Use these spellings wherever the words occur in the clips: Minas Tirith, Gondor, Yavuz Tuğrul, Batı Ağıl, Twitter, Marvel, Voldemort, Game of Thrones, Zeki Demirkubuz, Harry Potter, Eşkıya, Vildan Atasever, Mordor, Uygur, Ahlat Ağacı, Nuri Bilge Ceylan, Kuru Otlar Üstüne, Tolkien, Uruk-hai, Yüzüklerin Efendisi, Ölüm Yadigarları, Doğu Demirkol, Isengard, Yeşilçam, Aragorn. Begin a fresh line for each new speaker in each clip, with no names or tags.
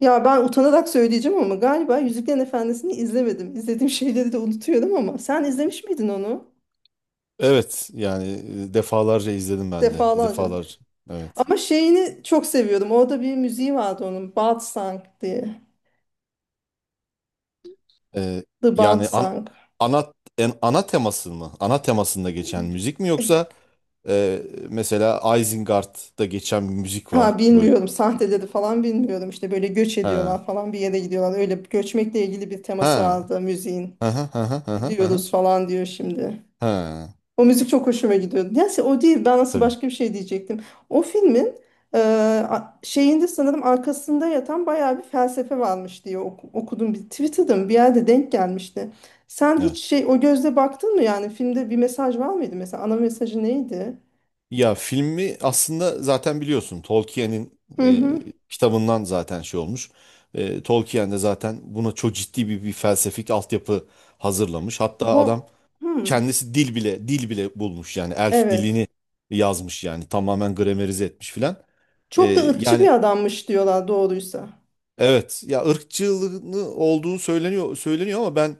Ya ben utanarak söyleyeceğim ama galiba Yüzüklerin Efendisi'ni izlemedim. İzlediğim şeyleri de unutuyorum ama sen izlemiş miydin onu?
Evet yani defalarca izledim ben de.
Defalarca.
Defalarca. Evet.
Ama şeyini çok seviyorum. Orada bir müziği vardı onun. Song diye.
Ee,
The
yani
Song.
ana ana teması mı? Ana temasında geçen müzik mi yoksa e, mesela Isengard'da geçen bir müzik var
Ha
böyle.
bilmiyorum sahteleri falan bilmiyorum. İşte böyle göç
Ha.
ediyorlar falan bir yere gidiyorlar. Öyle göçmekle ilgili bir
Ha.
teması vardı müziğin.
Ha ha ha ha ha ha. Ha.
Gidiyoruz falan diyor şimdi.
Ha.
O müzik çok hoşuma gidiyordu. Neyse o değil. Ben nasıl
Tabii.
başka bir şey diyecektim. O filmin e, şeyinde sanırım arkasında yatan bayağı bir felsefe varmış diye okudum. Bir, Twitter'da mı bir yerde denk gelmişti. Sen hiç
Evet.
şey o gözle baktın mı yani? Filmde bir mesaj var mıydı mesela? Ana mesajı neydi?
Ya filmi aslında zaten biliyorsun Tolkien'in
Hı hı.
kitabından zaten şey olmuş. Tolkien de zaten buna çok ciddi bir felsefik altyapı hazırlamış. Hatta
Bu
adam
hı.
kendisi dil bile bulmuş yani elf
Evet.
dilini yazmış yani tamamen gramerize etmiş filan. Ee,
Çok da ırkçı
Yani
bir adammış diyorlar doğruysa.
evet ya ırkçılığını olduğunu söyleniyor söyleniyor ama ben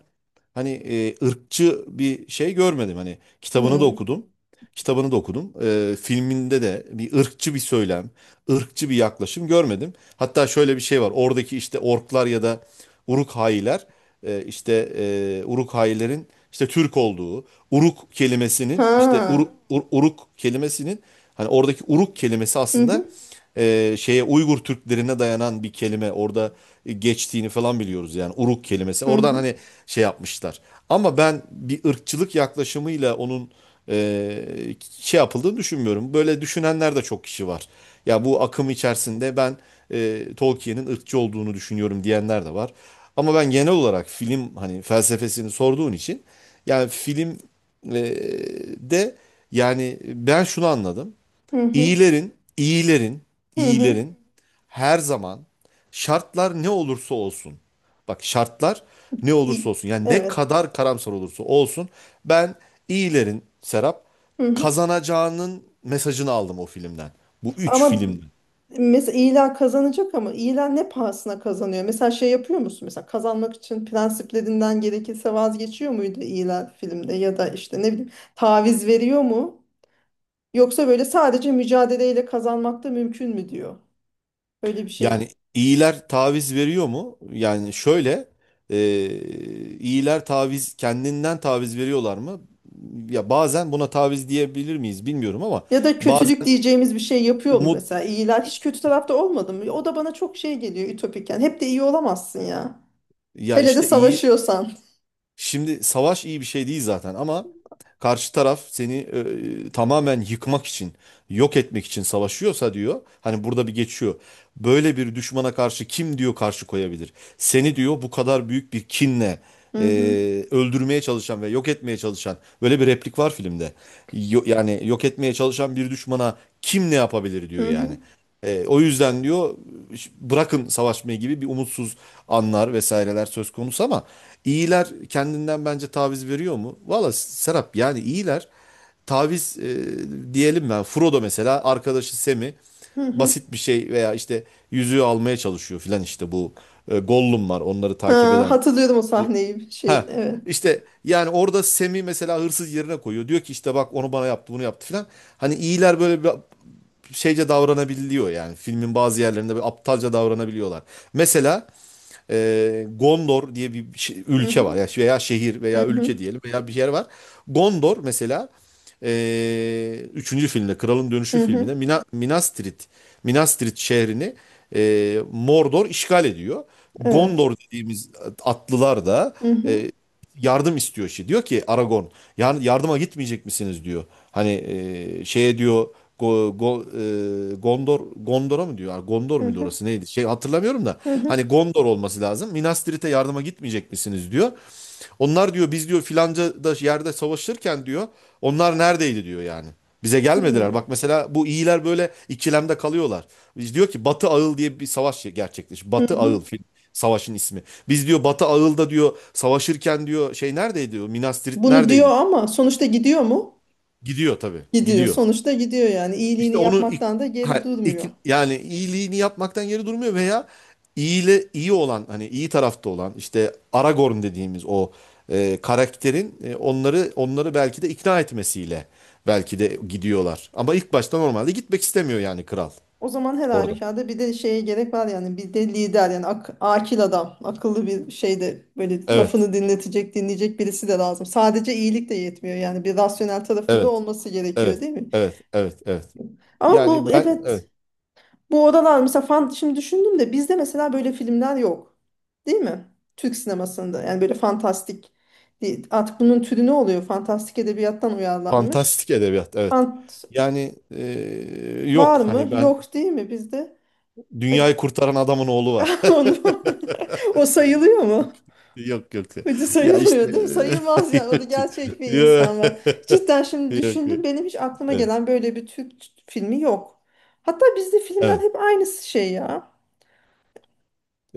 hani ırkçı bir şey görmedim. Hani kitabını da
Hı.
okudum. Kitabını da okudum. Filminde de bir ırkçı bir söylem, ırkçı bir yaklaşım görmedim. Hatta şöyle bir şey var. Oradaki işte orklar ya da Uruk-hailer işte Uruk-hailerin işte Türk olduğu, Uruk kelimesinin işte
Ha.
Uruk kelimesinin hani oradaki Uruk kelimesi
Hı
aslında
hı.
şeye Uygur Türklerine dayanan bir kelime orada geçtiğini falan biliyoruz yani Uruk kelimesi.
Hı
Oradan
hı.
hani şey yapmışlar. Ama ben bir ırkçılık yaklaşımıyla onun e, şey yapıldığını düşünmüyorum. Böyle düşünenler de çok kişi var. Ya bu akım içerisinde ben Tolkien'in ırkçı olduğunu düşünüyorum diyenler de var. Ama ben genel olarak film hani felsefesini sorduğun için yani film e, de yani ben şunu anladım.
Hı hı.
İyilerin, iyilerin,
Hı hı.
iyilerin her zaman şartlar ne olursa olsun. Bak şartlar ne olursa
İ-
olsun. Yani ne
Evet.
kadar karamsar olursa olsun. Ben iyilerin Serap
Hı hı.
kazanacağının mesajını aldım o filmden. Bu üç
Ama
filmden.
mesela ilan kazanacak ama ilan ne pahasına kazanıyor? Mesela şey yapıyor musun? Mesela kazanmak için prensiplerinden gerekirse vazgeçiyor muydu ilan filmde ya da işte ne bileyim taviz veriyor mu? Yoksa böyle sadece mücadeleyle kazanmak da mümkün mü diyor? Öyle bir şey.
Yani iyiler taviz veriyor mu? Yani şöyle e, iyiler taviz kendinden taviz veriyorlar mı? Ya bazen buna taviz diyebilir miyiz bilmiyorum ama
Ya da kötülük
bazen
diyeceğimiz bir şey yapıyor mu
umut
mesela? İlan hiç kötü tarafta olmadı mı? O da bana çok şey geliyor ütopik yani. Hep de iyi olamazsın ya.
ya
Hele de
işte iyi.
savaşıyorsan.
Şimdi savaş iyi bir şey değil zaten ama karşı taraf seni tamamen yıkmak için, yok etmek için savaşıyorsa diyor. Hani burada bir geçiyor. Böyle bir düşmana karşı kim diyor karşı koyabilir? Seni diyor bu kadar büyük bir kinle
Hı
e,
hı.
öldürmeye çalışan ve yok etmeye çalışan böyle bir replik var filmde. Yani yok etmeye çalışan bir düşmana kim ne yapabilir
Hı
diyor yani.
hı.
O yüzden diyor bırakın savaşmayı gibi bir umutsuz anlar vesaireler söz konusu ama İyiler kendinden bence taviz veriyor mu? Valla Serap yani iyiler taviz diyelim ben. Frodo mesela arkadaşı Sam'i
Hı hı.
basit bir şey veya işte yüzüğü almaya çalışıyor filan işte bu Gollum var onları takip
Ha,
eden
hatırlıyorum o
bu.
sahneyi. Şey,
Ha
evet.
işte yani orada Sam'i mesela hırsız yerine koyuyor. Diyor ki işte bak onu bana yaptı bunu yaptı filan. Hani iyiler böyle bir şeyce davranabiliyor yani filmin bazı yerlerinde böyle aptalca davranabiliyorlar. Mesela Gondor diye bir
Hı
ülke var.
hı.
Yani veya şehir
Hı
veya
hı.
ülke diyelim veya bir yer var. Gondor mesela üçüncü filmde Kralın Dönüşü
Hı hı.
filminde Minas Tirith şehrini Mordor işgal ediyor.
Evet.
Gondor dediğimiz atlılar da
Hı hı.
e, yardım istiyor şey. Diyor ki Aragon, Yardıma gitmeyecek misiniz?" diyor. Hani şeye diyor Go, Go- Gondor'a mı diyor? Gondor
Hı
muydu
hı.
orası neydi? Şey hatırlamıyorum da.
Hı
Hani
hı.
Gondor olması lazım. Minas Tirith'e yardıma gitmeyecek misiniz diyor. Onlar diyor biz diyor filanca da yerde savaşırken diyor onlar neredeydi diyor yani. Bize gelmediler. Bak
Hmm.
mesela bu iyiler böyle ikilemde kalıyorlar. Biz diyor ki Batı Ağıl diye bir savaş gerçekleşti.
Hı
Batı
hı.
Ağıl savaşın ismi. Biz diyor Batı Ağıl'da diyor savaşırken diyor şey neredeydi diyor Minas Tirith
Bunu
neredeydi
diyor
diyor.
ama sonuçta gidiyor mu?
Gidiyor tabii
Gidiyor.
gidiyor.
Sonuçta gidiyor yani. İyiliğini
İşte onu
yapmaktan da geri durmuyor.
yani iyiliğini yapmaktan geri durmuyor veya iyiyle iyi olan hani iyi tarafta olan işte Aragorn dediğimiz o karakterin onları belki de ikna etmesiyle belki de gidiyorlar. Ama ilk başta normalde gitmek istemiyor yani kral
O zaman her
orada.
halükarda bir de şeye gerek var yani bir de lider yani akil adam akıllı bir şeyde böyle
Evet.
lafını dinletecek dinleyecek birisi de lazım. Sadece iyilik de yetmiyor yani bir rasyonel tarafında
Evet.
olması gerekiyor
Evet.
değil mi?
Evet. Evet. Evet.
Ama bu
Yani ben
evet
evet.
bu odalar mesela şimdi düşündüm de bizde mesela böyle filmler yok değil mi? Türk sinemasında yani böyle fantastik değil. Artık bunun türü ne oluyor? Fantastik edebiyattan uyarlanmış.
Fantastik edebiyat. Evet.
Fant
Yani
Var
yok
mı?
hani ben
Yok değil mi bizde? E,
dünyayı kurtaran adamın oğlu var.
Onu, o sayılıyor mu?
Yok yok.
Hadi
Ya işte
sayılmıyor değil mi? Sayılmaz yani. O da
yok.
gerçek bir
Yok.
insan var. Cidden şimdi
Yok.
düşündüm.
Yok.
Benim hiç aklıma
Evet.
gelen böyle bir Türk filmi yok. Hatta bizde filmden
Evet.
hep aynısı şey ya.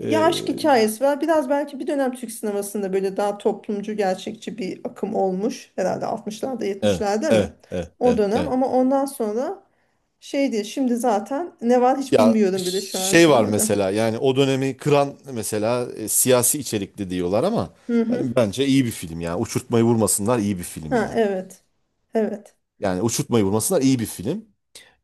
Ya aşk hikayesi var. Biraz belki bir dönem Türk sinemasında böyle daha toplumcu, gerçekçi bir akım olmuş. Herhalde 60'larda,
evet.
70'lerde mi?
Evet. Evet.
O
Evet.
dönem
Evet.
ama ondan sonra şey diye şimdi zaten ne var hiç
Ya
bilmiyorum bile şu an
şey var
sinemada.
mesela yani o dönemi kıran mesela siyasi içerikli diyorlar ama
Hı hı.
yani bence iyi bir film yani. Uçurtmayı vurmasınlar iyi bir film
Ha
yani.
evet. Evet.
Yani uçurtmayı vurmasınlar iyi bir film.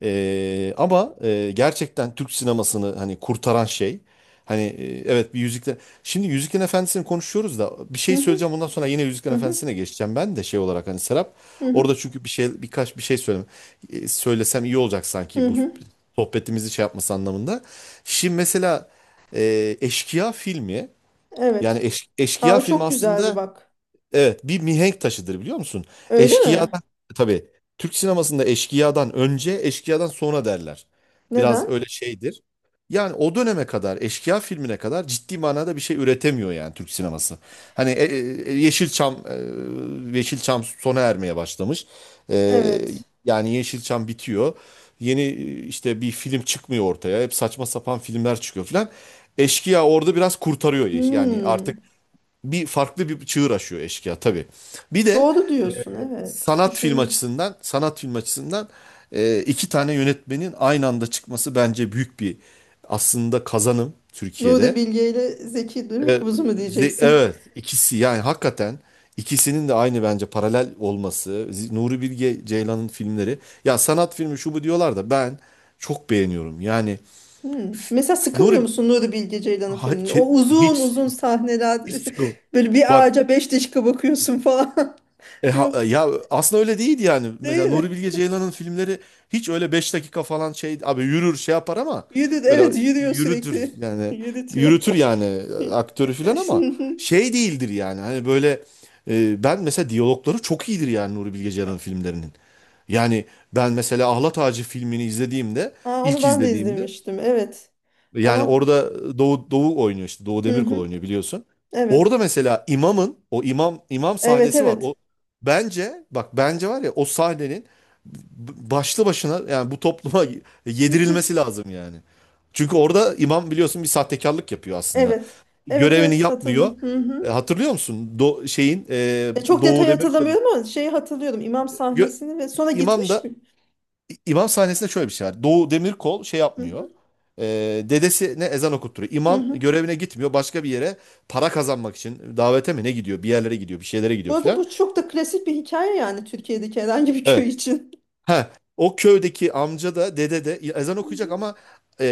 Ama gerçekten Türk sinemasını hani kurtaran şey hani evet bir Yüzükler şimdi Yüzüklerin Efendisi'ni konuşuyoruz da bir
Hı
şey
hı.
söyleyeceğim ondan sonra yine Yüzüklerin
Hı hı,
Efendisi'ne geçeceğim ben de şey olarak hani Serap
hı
orada
hı,
çünkü birkaç bir şey söyleme söylesem iyi olacak
hı
sanki bu
hı.
sohbetimizi şey yapması anlamında. Şimdi mesela Eşkıya filmi yani
Evet. Aa,
Eşkıya
o
filmi
çok güzeldi
aslında
bak.
evet, bir mihenk taşıdır biliyor musun?
Öyle mi?
Eşkıyadan tabii Türk sinemasında eşkıyadan önce, eşkıyadan sonra derler. Biraz
Neden?
öyle şeydir. Yani o döneme kadar, eşkıya filmine kadar ciddi manada bir şey üretemiyor yani Türk sineması. Hani Yeşilçam Yeşilçam sona ermeye başlamış. E,
Evet.
Yani Yeşilçam bitiyor. Yeni işte bir film çıkmıyor ortaya. Hep saçma sapan filmler çıkıyor filan. Eşkıya orada biraz kurtarıyor. Yani artık
Hmm.
bir farklı bir çığır açıyor eşkıya tabii. Bir de
Doğru diyorsun. Evet.
sanat film
Düşünüyorum.
açısından iki tane yönetmenin aynı anda çıkması bence büyük bir aslında kazanım
Nuri
Türkiye'de.
Bilge ile Zeki
E,
Demirkubuz mu
ze-
diyeceksin?
evet ikisi yani hakikaten ikisinin de aynı bence paralel olması. Nuri Bilge Ceylan'ın filmleri ya sanat filmi şu bu diyorlar da ben çok beğeniyorum. Yani
Hmm. Mesela sıkılmıyor
Nuri
musun Nuri Bilge Ceylan'ın
ha-
filminde? O
ke-
uzun
hiç
uzun sahneler
hiç sıkıl.
böyle bir
Bak
ağaca beş dakika bakıyorsun falan. Yok.
Ya aslında öyle değil yani.
Değil
Mesela Nuri
mi?
Bilge Ceylan'ın filmleri hiç öyle 5 dakika falan şey abi yürür şey yapar ama
Yürü,
böyle
evet yürüyor
yürütür
sürekli.
yani
Yürütüyor.
yürütür yani aktörü falan ama şey değildir yani. Hani böyle ben mesela diyalogları çok iyidir yani Nuri Bilge Ceylan'ın filmlerinin. Yani ben mesela Ahlat Ağacı filmini izlediğimde
Aa, onu
ilk
ben de
izlediğimde
izlemiştim. Evet.
yani
Ama
orada Doğu oynuyor işte. Doğu
hı
Demirkol
hı.
oynuyor biliyorsun.
Evet.
Orada mesela imamın o imam
Evet
sahnesi var. O
evet.
bence bak bence var ya o sahnenin başlı başına yani bu topluma yedirilmesi lazım yani. Çünkü orada imam biliyorsun bir sahtekarlık yapıyor aslında.
Evet. Evet
Görevini
evet
yapmıyor.
hatırlıyorum. Hı hı.
Hatırlıyor musun?
Çok
Doğu
detay
Demirkol'un
hatırlamıyorum ama şeyi hatırlıyorum. İmam
Gö-
sahnesini ve sonra
imam
gitmiş
da
mi?
İmam sahnesinde şöyle bir şey var. Doğu Demirkol şey
Hı hı.
yapmıyor. E, Dedesine ezan okutturuyor.
Hı
İmam
hı.
görevine gitmiyor. Başka bir yere para kazanmak için davete mi ne gidiyor? Bir yerlere gidiyor, bir şeylere
Bu
gidiyor
arada
filan.
bu çok da klasik bir hikaye yani Türkiye'deki herhangi bir köy
Evet.
için.
Ha, o köydeki amca da dede de ezan
Hı
okuyacak
hı.
ama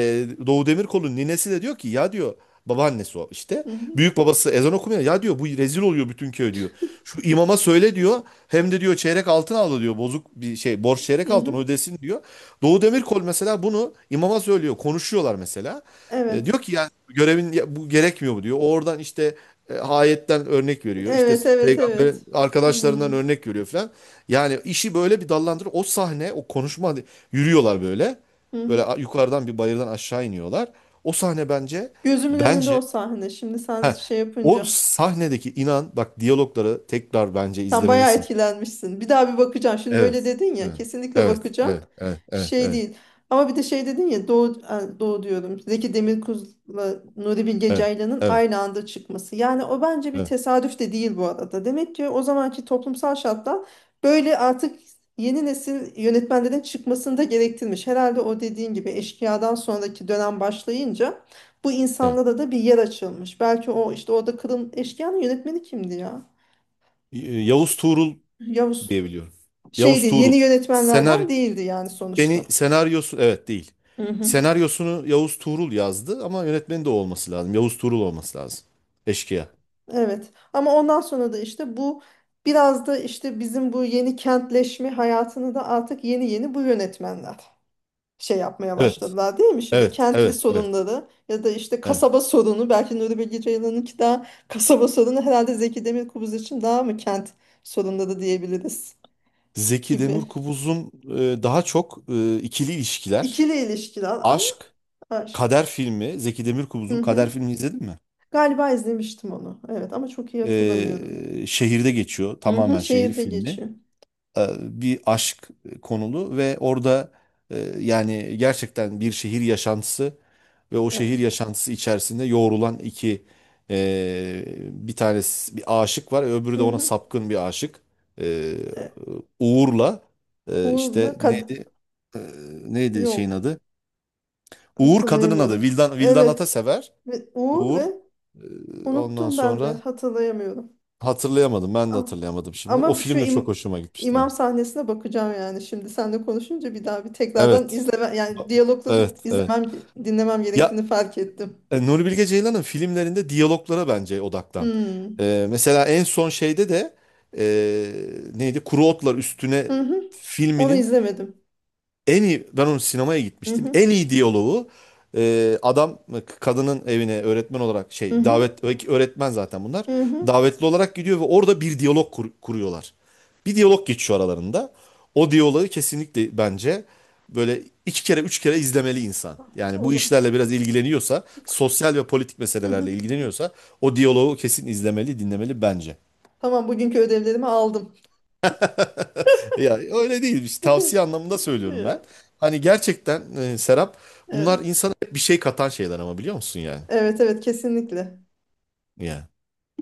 Doğu Demirkol'un ninesi de diyor ki ya diyor babaannesi o işte
Hı hı.
büyük babası ezan okumuyor ya diyor bu rezil oluyor bütün köy diyor. Şu imama söyle diyor hem de diyor çeyrek altın aldı diyor bozuk bir şey borç çeyrek
Hı
altın
hı.
ödesin diyor. Doğu Demirkol mesela bunu imama söylüyor konuşuyorlar mesela.
Evet.
Diyor ki yani görevin ya bu gerekmiyor mu diyor. Oradan işte ayetten örnek veriyor. İşte
Evet evet
peygamberin
evet.
arkadaşlarından
Hmm.
örnek veriyor falan. Yani işi böyle bir dallandırır. O sahne, o konuşma hani yürüyorlar böyle.
Hı.
Böyle yukarıdan bir bayırdan aşağı iniyorlar. O sahne bence
Gözümün önünde o
bence
sahne. Şimdi sen
heh,
şey
o
yapınca.
sahnedeki inan bak diyalogları tekrar bence
Sen bayağı
izlemelisin.
etkilenmişsin. Bir daha bir bakacağım. Şimdi böyle
Evet.
dedin ya,
Evet.
kesinlikle
Evet.
bakacağım.
Evet. Evet. Evet.
Şey
Evet.
değil. Ama bir de şey dedin ya, Doğu, Doğu diyorum. Zeki Demirkubuz'la Nuri Bilge
Evet.
Ceylan'ın
Evet.
aynı anda çıkması. Yani o bence bir
Evet.
tesadüf de değil bu arada. Demek ki o zamanki toplumsal şartlar böyle artık yeni nesil yönetmenlerin çıkmasını da gerektirmiş. Herhalde o dediğin gibi Eşkıya'dan sonraki dönem başlayınca bu
Evet.
insanlara da bir yer açılmış. Belki o işte orada Kırım Eşkıya'nın yönetmeni kimdi ya?
Yavuz Tuğrul
Yavuz
diyebiliyorum.
şey
Yavuz
değil
Tuğrul.
yeni
Senaryo
yönetmenlerden değildi yani
Seni
sonuçta.
senaryosu evet değil.
Hı hı.
Senaryosunu Yavuz Tuğrul yazdı ama yönetmeni de o olması lazım. Yavuz Tuğrul olması lazım. Eşkıya.
Evet ama ondan sonra da işte bu biraz da işte bizim bu yeni kentleşme hayatını da artık yeni yeni bu yönetmenler şey yapmaya
Evet,
başladılar değil mi şimdi
evet,
kentli
evet, evet.
sorunları ya da işte
Evet.
kasaba sorunu belki Nuri Bilge Ceylan'ınki daha kasaba sorunu herhalde Zeki Demirkubuz için daha mı kent sorunları diyebiliriz
Zeki
gibi
Demirkubuz'un daha çok ikili ilişkiler,
İkili ilişkiler ama
aşk,
aşk.
kader filmi. Zeki
Hı
Demirkubuz'un kader
hı.
filmi izledin mi?
Galiba izlemiştim onu evet ama çok iyi hatırlamıyorum.
Şehirde geçiyor.
Hı hı,
Tamamen şehir
şehirde
filmi.
geçiyor.
Bir aşk konulu ve orada yani gerçekten bir şehir yaşantısı ve o
Evet.
şehir yaşantısı içerisinde yoğrulan iki bir tanesi bir aşık var öbürü de
Hı
ona
hı.
sapkın bir aşık. E,
E,
Uğur'la işte
Uğur'la kad
neydi? E, Neydi şeyin
yok
adı? Uğur kadının adı
hatırlayamıyorum.
Vildan
Evet.
Atasever.
Ve Uğur
Uğur
ve
ondan
unuttum ben de
sonra
hatırlayamıyorum.
hatırlayamadım ben de
Ama,
hatırlayamadım şimdi o
ama
film de çok hoşuma gitmişti
imam
benim.
sahnesine bakacağım yani şimdi seninle konuşunca bir daha bir tekrardan
Evet.
izleme yani diyalogları
Evet, evet.
izlemem dinlemem
Ya
gerektiğini fark ettim.
Nuri Bilge Ceylan'ın filmlerinde diyaloglara bence odaklan.
Hmm.
Mesela en son şeyde de neydi? Kuru Otlar Üstüne
Hı hı. Onu
filminin
izlemedim.
en iyi ben onun sinemaya
Hı
gitmiştim.
hı.
En iyi diyaloğu adam kadının evine öğretmen olarak
Hı
şey
hı.
davet öğretmen zaten bunlar.
Hı hı.
Davetli olarak gidiyor ve orada bir diyalog kuruyorlar. Bir diyalog geçiyor aralarında. O diyaloğu kesinlikle bence böyle iki kere üç kere izlemeli insan. Yani
O
bu
zaman.
işlerle biraz ilgileniyorsa, sosyal ve politik
Hı
meselelerle
hı.
ilgileniyorsa o diyaloğu kesin izlemeli, dinlemeli bence.
Tamam bugünkü ödevlerimi aldım.
Ya öyle değil işte tavsiye anlamında söylüyorum ben. Hani gerçekten Serap bunlar
Evet.
insana hep bir şey katan şeyler ama biliyor musun yani?
Evet evet kesinlikle.
Yani.